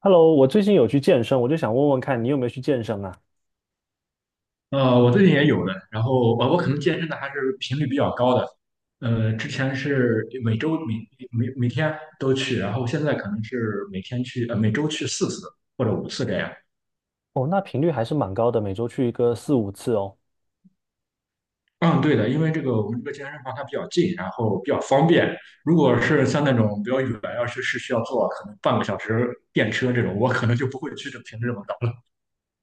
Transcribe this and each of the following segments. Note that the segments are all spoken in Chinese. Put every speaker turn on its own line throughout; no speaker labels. Hello，我最近有去健身，我就想问问看你有没有去健身啊？
我最近也有的，然后我可能健身的还是频率比较高的，之前是每周每天都去，然后现在可能是每天去，每周去4次或者五次这样。
哦，那频率还是蛮高的，每周去一个四五次哦。
嗯，对的。因为这个我们这个健身房它比较近，然后比较方便。如果是像那种比较远，要是需要坐可能半个小时电车这种，我可能就不会去这频率这么高了。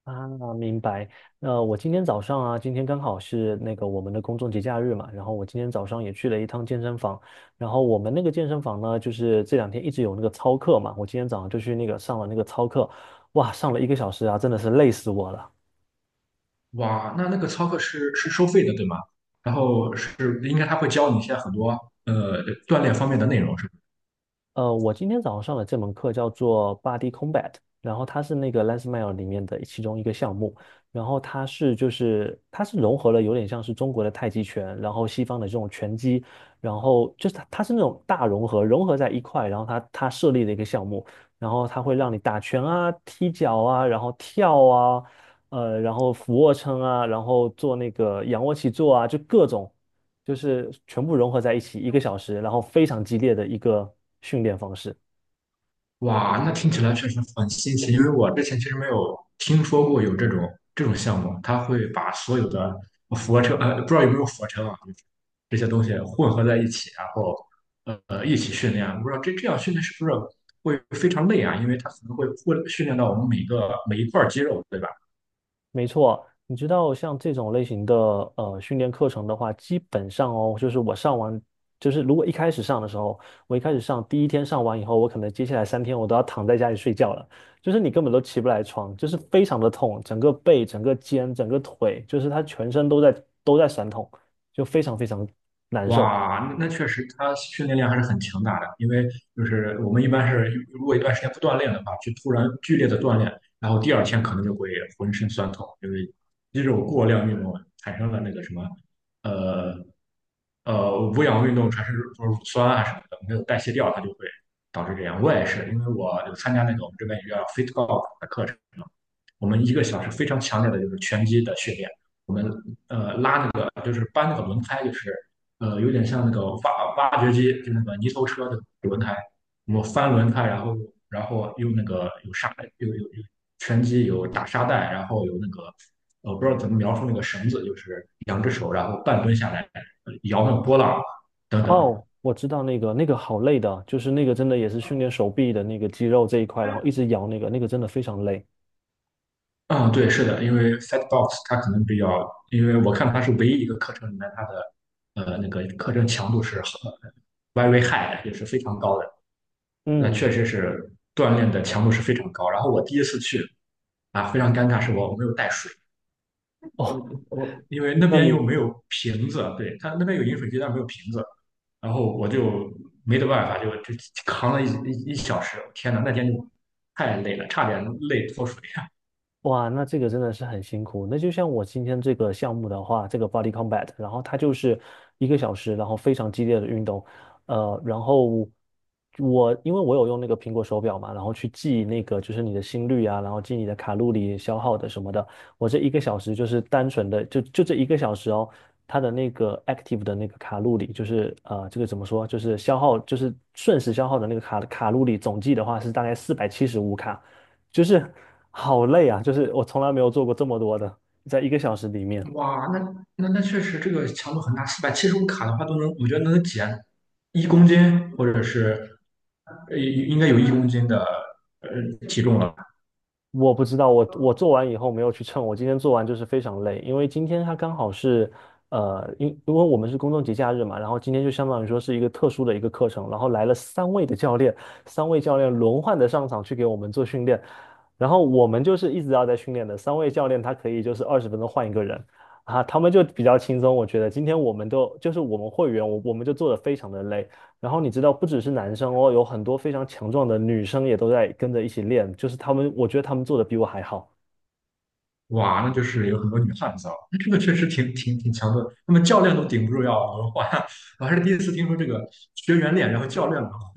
啊，明白。那我今天早上啊，今天刚好是那个我们的公众节假日嘛，然后我今天早上也去了一趟健身房。然后我们那个健身房呢，就是这两天一直有那个操课嘛，我今天早上就去那个上了那个操课，哇，上了一个小时啊，真的是累死我了。
哇，那那个操课是收费的，对吗？然后是应该他会教你一些很多锻炼方面的内容，是吧？
我今天早上上的这门课叫做 Body Combat，然后它是那个 LensMile 里面的其中一个项目，然后它是就是它是融合了有点像是中国的太极拳，然后西方的这种拳击，然后就是它是那种大融合，融合在一块，然后它设立的一个项目，然后它会让你打拳啊、踢脚啊，然后跳啊，然后俯卧撑啊，然后做那个仰卧起坐啊，就各种。就是全部融合在一起，一个小时，然后非常激烈的一个训练方式。
哇，那听起来确实很新奇，因为我之前其实没有听说过有这种项目，它会把所有的俯卧撑，不知道有没有俯卧撑啊，就是这些东西混合在一起，然后一起训练。不知道这样训练是不是会非常累啊？因为它可能会训练到我们每一块肌肉，对吧？
没错，你知道像这种类型的训练课程的话，基本上哦，就是我上完，就是如果一开始上的时候，我一开始上第一天上完以后，我可能接下来三天我都要躺在家里睡觉了，就是你根本都起不来床，就是非常的痛，整个背、整个肩、整个腿，就是它全身都在酸痛，就非常非常难受。
哇，那确实，他训练量还是很强大的。因为就是我们一般是，如果一段时间不锻炼的话，去突然剧烈的锻炼，然后第二天可能就会浑身酸痛，因为肌肉过量运动啊产生了那个什么，呃无氧运动产生就是乳酸啊什么的，没有代谢掉，它就会导致这样。我也是，因为我有参加那个我们这边有一个叫 Fit Golf 的课程，我们1个小时非常强烈的就是拳击的训练，我们拉那个就是搬那个轮胎就是。有点像那个挖掘机，就那个泥头车的轮胎，我翻轮胎，然后用那个有沙有有有拳击有打沙袋，然后有那个我不知道怎么描述那个绳子，就是2只手，然后半蹲下来摇那个波浪等等。
哦，我知道那个，那个好累的，就是那个真的也是训练手臂的那个肌肉这一块，然后一直摇那个，那个真的非常累。
嗯，对，是的。因为 Fatbox 它可能比较，因为我看它是唯一一个课程里面它的那个课程强度是很 very high 的，也是非常高的。那确
嗯，
实是锻炼的强度是非常高。然后我第一次去啊，非常尴尬，是我没有带水，
哦，
我因为那
那
边又
你
没有瓶子，对，它那边有饮水机，但是没有瓶子，然后我就没得办法，就扛了一一一小时，天呐，那天就太累了，差点累脱水。呀！
哇，那这个真的是很辛苦。那就像我今天这个项目的话，这个 Body Combat，然后它就是一个小时，然后非常激烈的运动。然后我因为我有用那个苹果手表嘛，然后去记那个就是你的心率啊，然后记你的卡路里消耗的什么的。我这一个小时就是单纯的就这一个小时哦，它的那个 active 的那个卡路里，就是这个怎么说，就是消耗就是瞬时消耗的那个卡路里总计的话是大概475卡。就是好累啊！就是我从来没有做过这么多的，在一个小时里面，
哇，那确实这个强度很大，475卡的话都能，我觉得能减一公斤，或者是应该有一公斤的呃体重了。
我不知道我我做完以后没有去称，我今天做完就是非常累，因为今天他刚好是因因为我们是公众节假日嘛，然后今天就相当于说是一个特殊的一个课程，然后来了三位的教练，三位教练轮换的上场去给我们做训练，然后我们就是一直要在训练的，三位教练他可以就是20分钟换一个人。啊，他们就比较轻松，我觉得今天我们都就是我们会员，我们就做的非常的累，然后你知道，不只是男生哦，有很多非常强壮的女生也都在跟着一起练，就是他们，我觉得他们做的比我还好。
哇，那就是有很多女汉子啊，那这个确实挺强的，那么教练都顶不住要轮换啊，我还是第一次听说这个学员练，然后教练轮换。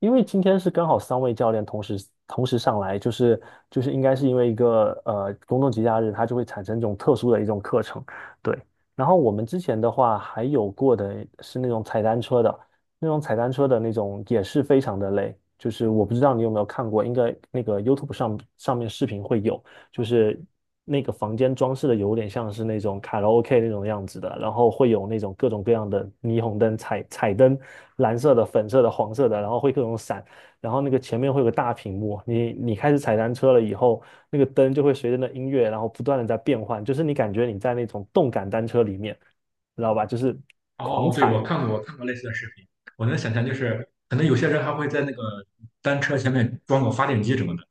因为今天是刚好三位教练同时上来，就是就是应该是因为一个公众节假日，它就会产生这种特殊的一种课程，对。然后我们之前的话还有过的是那种踩单车的，那种踩单车的那种也是非常的累，就是我不知道你有没有看过，应该那个 YouTube 上面视频会有，就是那个房间装饰的有点像是那种卡拉 OK 那种样子的，然后会有那种各种各样的霓虹灯、彩灯，蓝色的、粉色的、黄色的，然后会各种闪，然后那个前面会有个大屏幕，你开始踩单车了以后，那个灯就会随着那音乐，然后不断的在变换，就是你感觉你在那种动感单车里面，知道吧？就是狂
哦，对，
踩，
我看过，我看过类似的视频。我能想象，就是可能有些人还会在那个单车前面装个发电机什么的，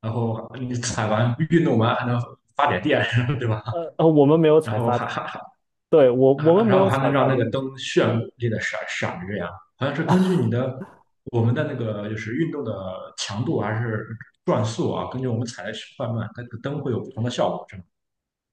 然后你踩完运动完还能发点电，对吧？
我们没有
然
踩
后
发，
哈哈哈。
对，我我们
啊，
没
然后
有
还
踩
能
发
让那个
电机。
灯炫丽的闪闪着呀，好像是根据你的我们的那个就是运动的强度还是转速啊，根据我们踩的快慢，它这个灯会有不同的效果，是吗？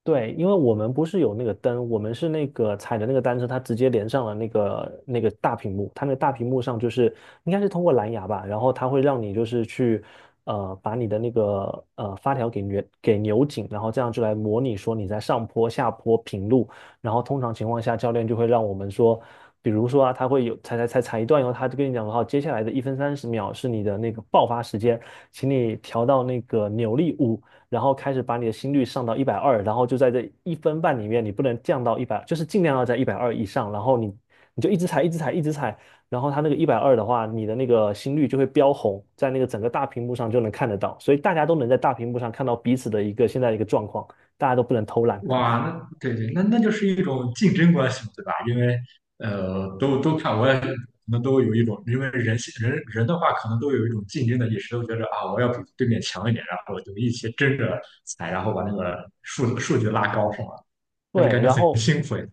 对，因为我们不是有那个灯，我们是那个踩的那个单车，它直接连上了那个那个大屏幕，它那个大屏幕上就是应该是通过蓝牙吧，然后它会让你就是去把你的那个发条给扭紧，然后这样就来模拟说你在上坡、下坡、平路，然后通常情况下教练就会让我们说，比如说啊，他会有踩踩踩踩一段以后，他就跟你讲好，接下来的1分30秒是你的那个爆发时间，请你调到那个扭力五。然后开始把你的心率上到一百二，然后就在这1分半里面，你不能降到一百，就是尽量要在一百二以上，然后你就一直踩，一直踩，一直踩，然后它那个一百二的话，你的那个心率就会飙红，在那个整个大屏幕上就能看得到，所以大家都能在大屏幕上看到彼此的一个现在的一个状况，大家都不能偷懒。
哇，那对对，那就是一种竞争关系嘛，对吧？因为都看，我也可能都有一种，因为人人的话，可能都有一种竞争的意识，都觉得啊，我要比对面强一点，然后就一起争着踩，然后把那个数据拉高，是吗？但是
对，
感觉
然
很
后
辛苦诶。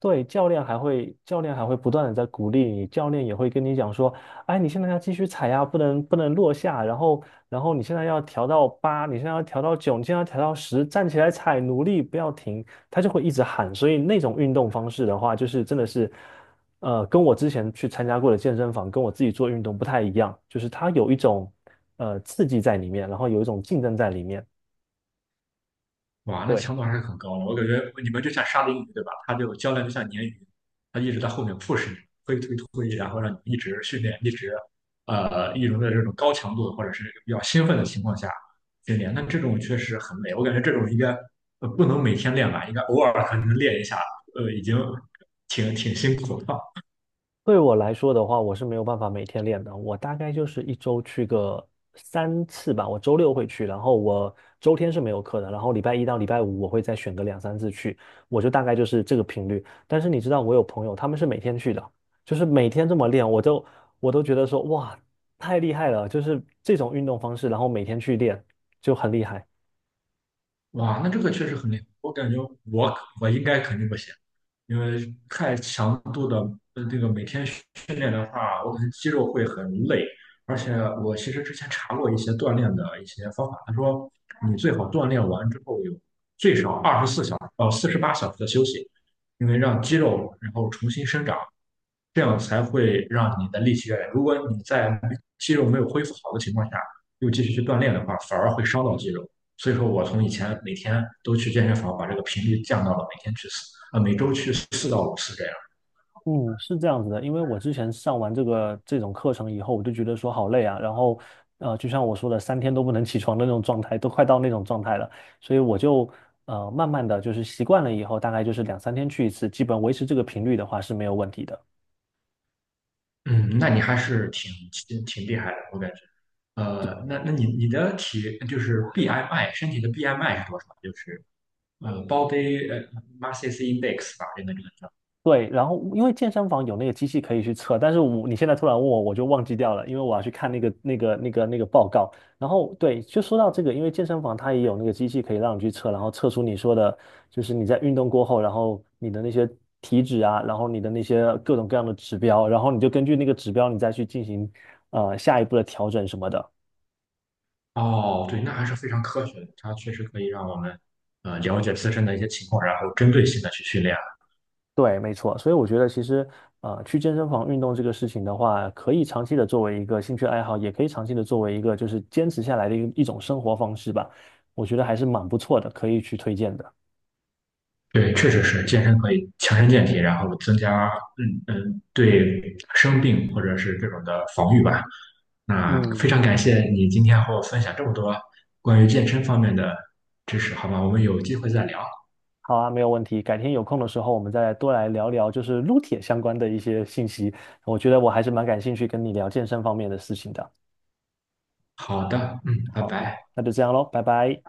对，教练还会，教练还会不断的在鼓励你，教练也会跟你讲说，哎，你现在要继续踩呀，不能不能落下，然后然后你现在要调到八，你现在要调到九，你现在要调到十，站起来踩，努力不要停，他就会一直喊。所以那种运动方式的话，就是真的是，跟我之前去参加过的健身房，跟我自己做运动不太一样，就是它有一种刺激在里面，然后有一种竞争在里面。
哇，那
对。
强度还是很高的。我感觉你们就像沙丁鱼，对吧？它就教练就像鲶鱼，它一直在后面 push 你，推推推，然后让你一直训练，一直一直在这种高强度或者是比较兴奋的情况下训练。那这种确实很累，我感觉这种应该不能每天练吧，应该偶尔可能练一下，已经挺辛苦了。
对我来说的话，我是没有办法每天练的。我大概就是一周去个三次吧。我周六会去，然后我周天是没有课的，然后礼拜一到礼拜五我会再选个两三次去，我就大概就是这个频率。但是你知道，我有朋友他们是每天去的，就是每天这么练，我都觉得说哇，太厉害了！就是这种运动方式，然后每天去练就很厉害。
哇，那这个确实很累，我感觉我应该肯定不行。因为太强度的这个每天训练的话，我感觉肌肉会很累。而且我其实之前查过一些锻炼的一些方法，他说你最好锻炼完之后有最少24小时到48小时的休息，因为让肌肉然后重新生长。这样才会让你的力气越来越。如果你在肌肉没有恢复好的情况下，又继续去锻炼的话，反而会伤到肌肉。所以说我从以前每天都去健身房，把这个频率降到了每天去四啊，每周去4到5次这样。
嗯，是这样子的，因为我之前上完这个这种课程以后，我就觉得说好累啊，然后，就像我说的，三天都不能起床的那种状态，都快到那种状态了，所以我就慢慢的就是习惯了以后，大概就是两三天去一次，基本维持这个频率的话是没有问题的。
嗯，那你还是挺厉害的，我感觉。那你的体就是 BMI 身体的 BMI 是多少？就是body mass index 吧，这个叫。
对，然后因为健身房有那个机器可以去测，但是我你现在突然问我，我就忘记掉了，因为我要去看那个报告。然后对，就说到这个，因为健身房它也有那个机器可以让你去测，然后测出你说的，就是你在运动过后，然后你的那些体脂啊，然后你的那些各种各样的指标，然后你就根据那个指标，你再去进行下一步的调整什么的。
哦，对，那还是非常科学的，它确实可以让我们了解自身的一些情况，然后针对性的去训练。
对，没错，所以我觉得其实，去健身房运动这个事情的话，可以长期的作为一个兴趣爱好，也可以长期的作为一个就是坚持下来的一种生活方式吧。我觉得还是蛮不错的，可以去推荐的。
对，确实是健身可以强身健体，然后增加对生病或者是这种的防御吧。那非
嗯，
常感谢你今天和我分享这么多关于健身方面的知识，好吧，我们有机会再聊。
好啊，没有问题。改天有空的时候，我们再多来聊聊就是撸铁相关的一些信息。我觉得我还是蛮感兴趣跟你聊健身方面的事情的。
好的，嗯，拜
好，那
拜。
那就这样喽，拜拜。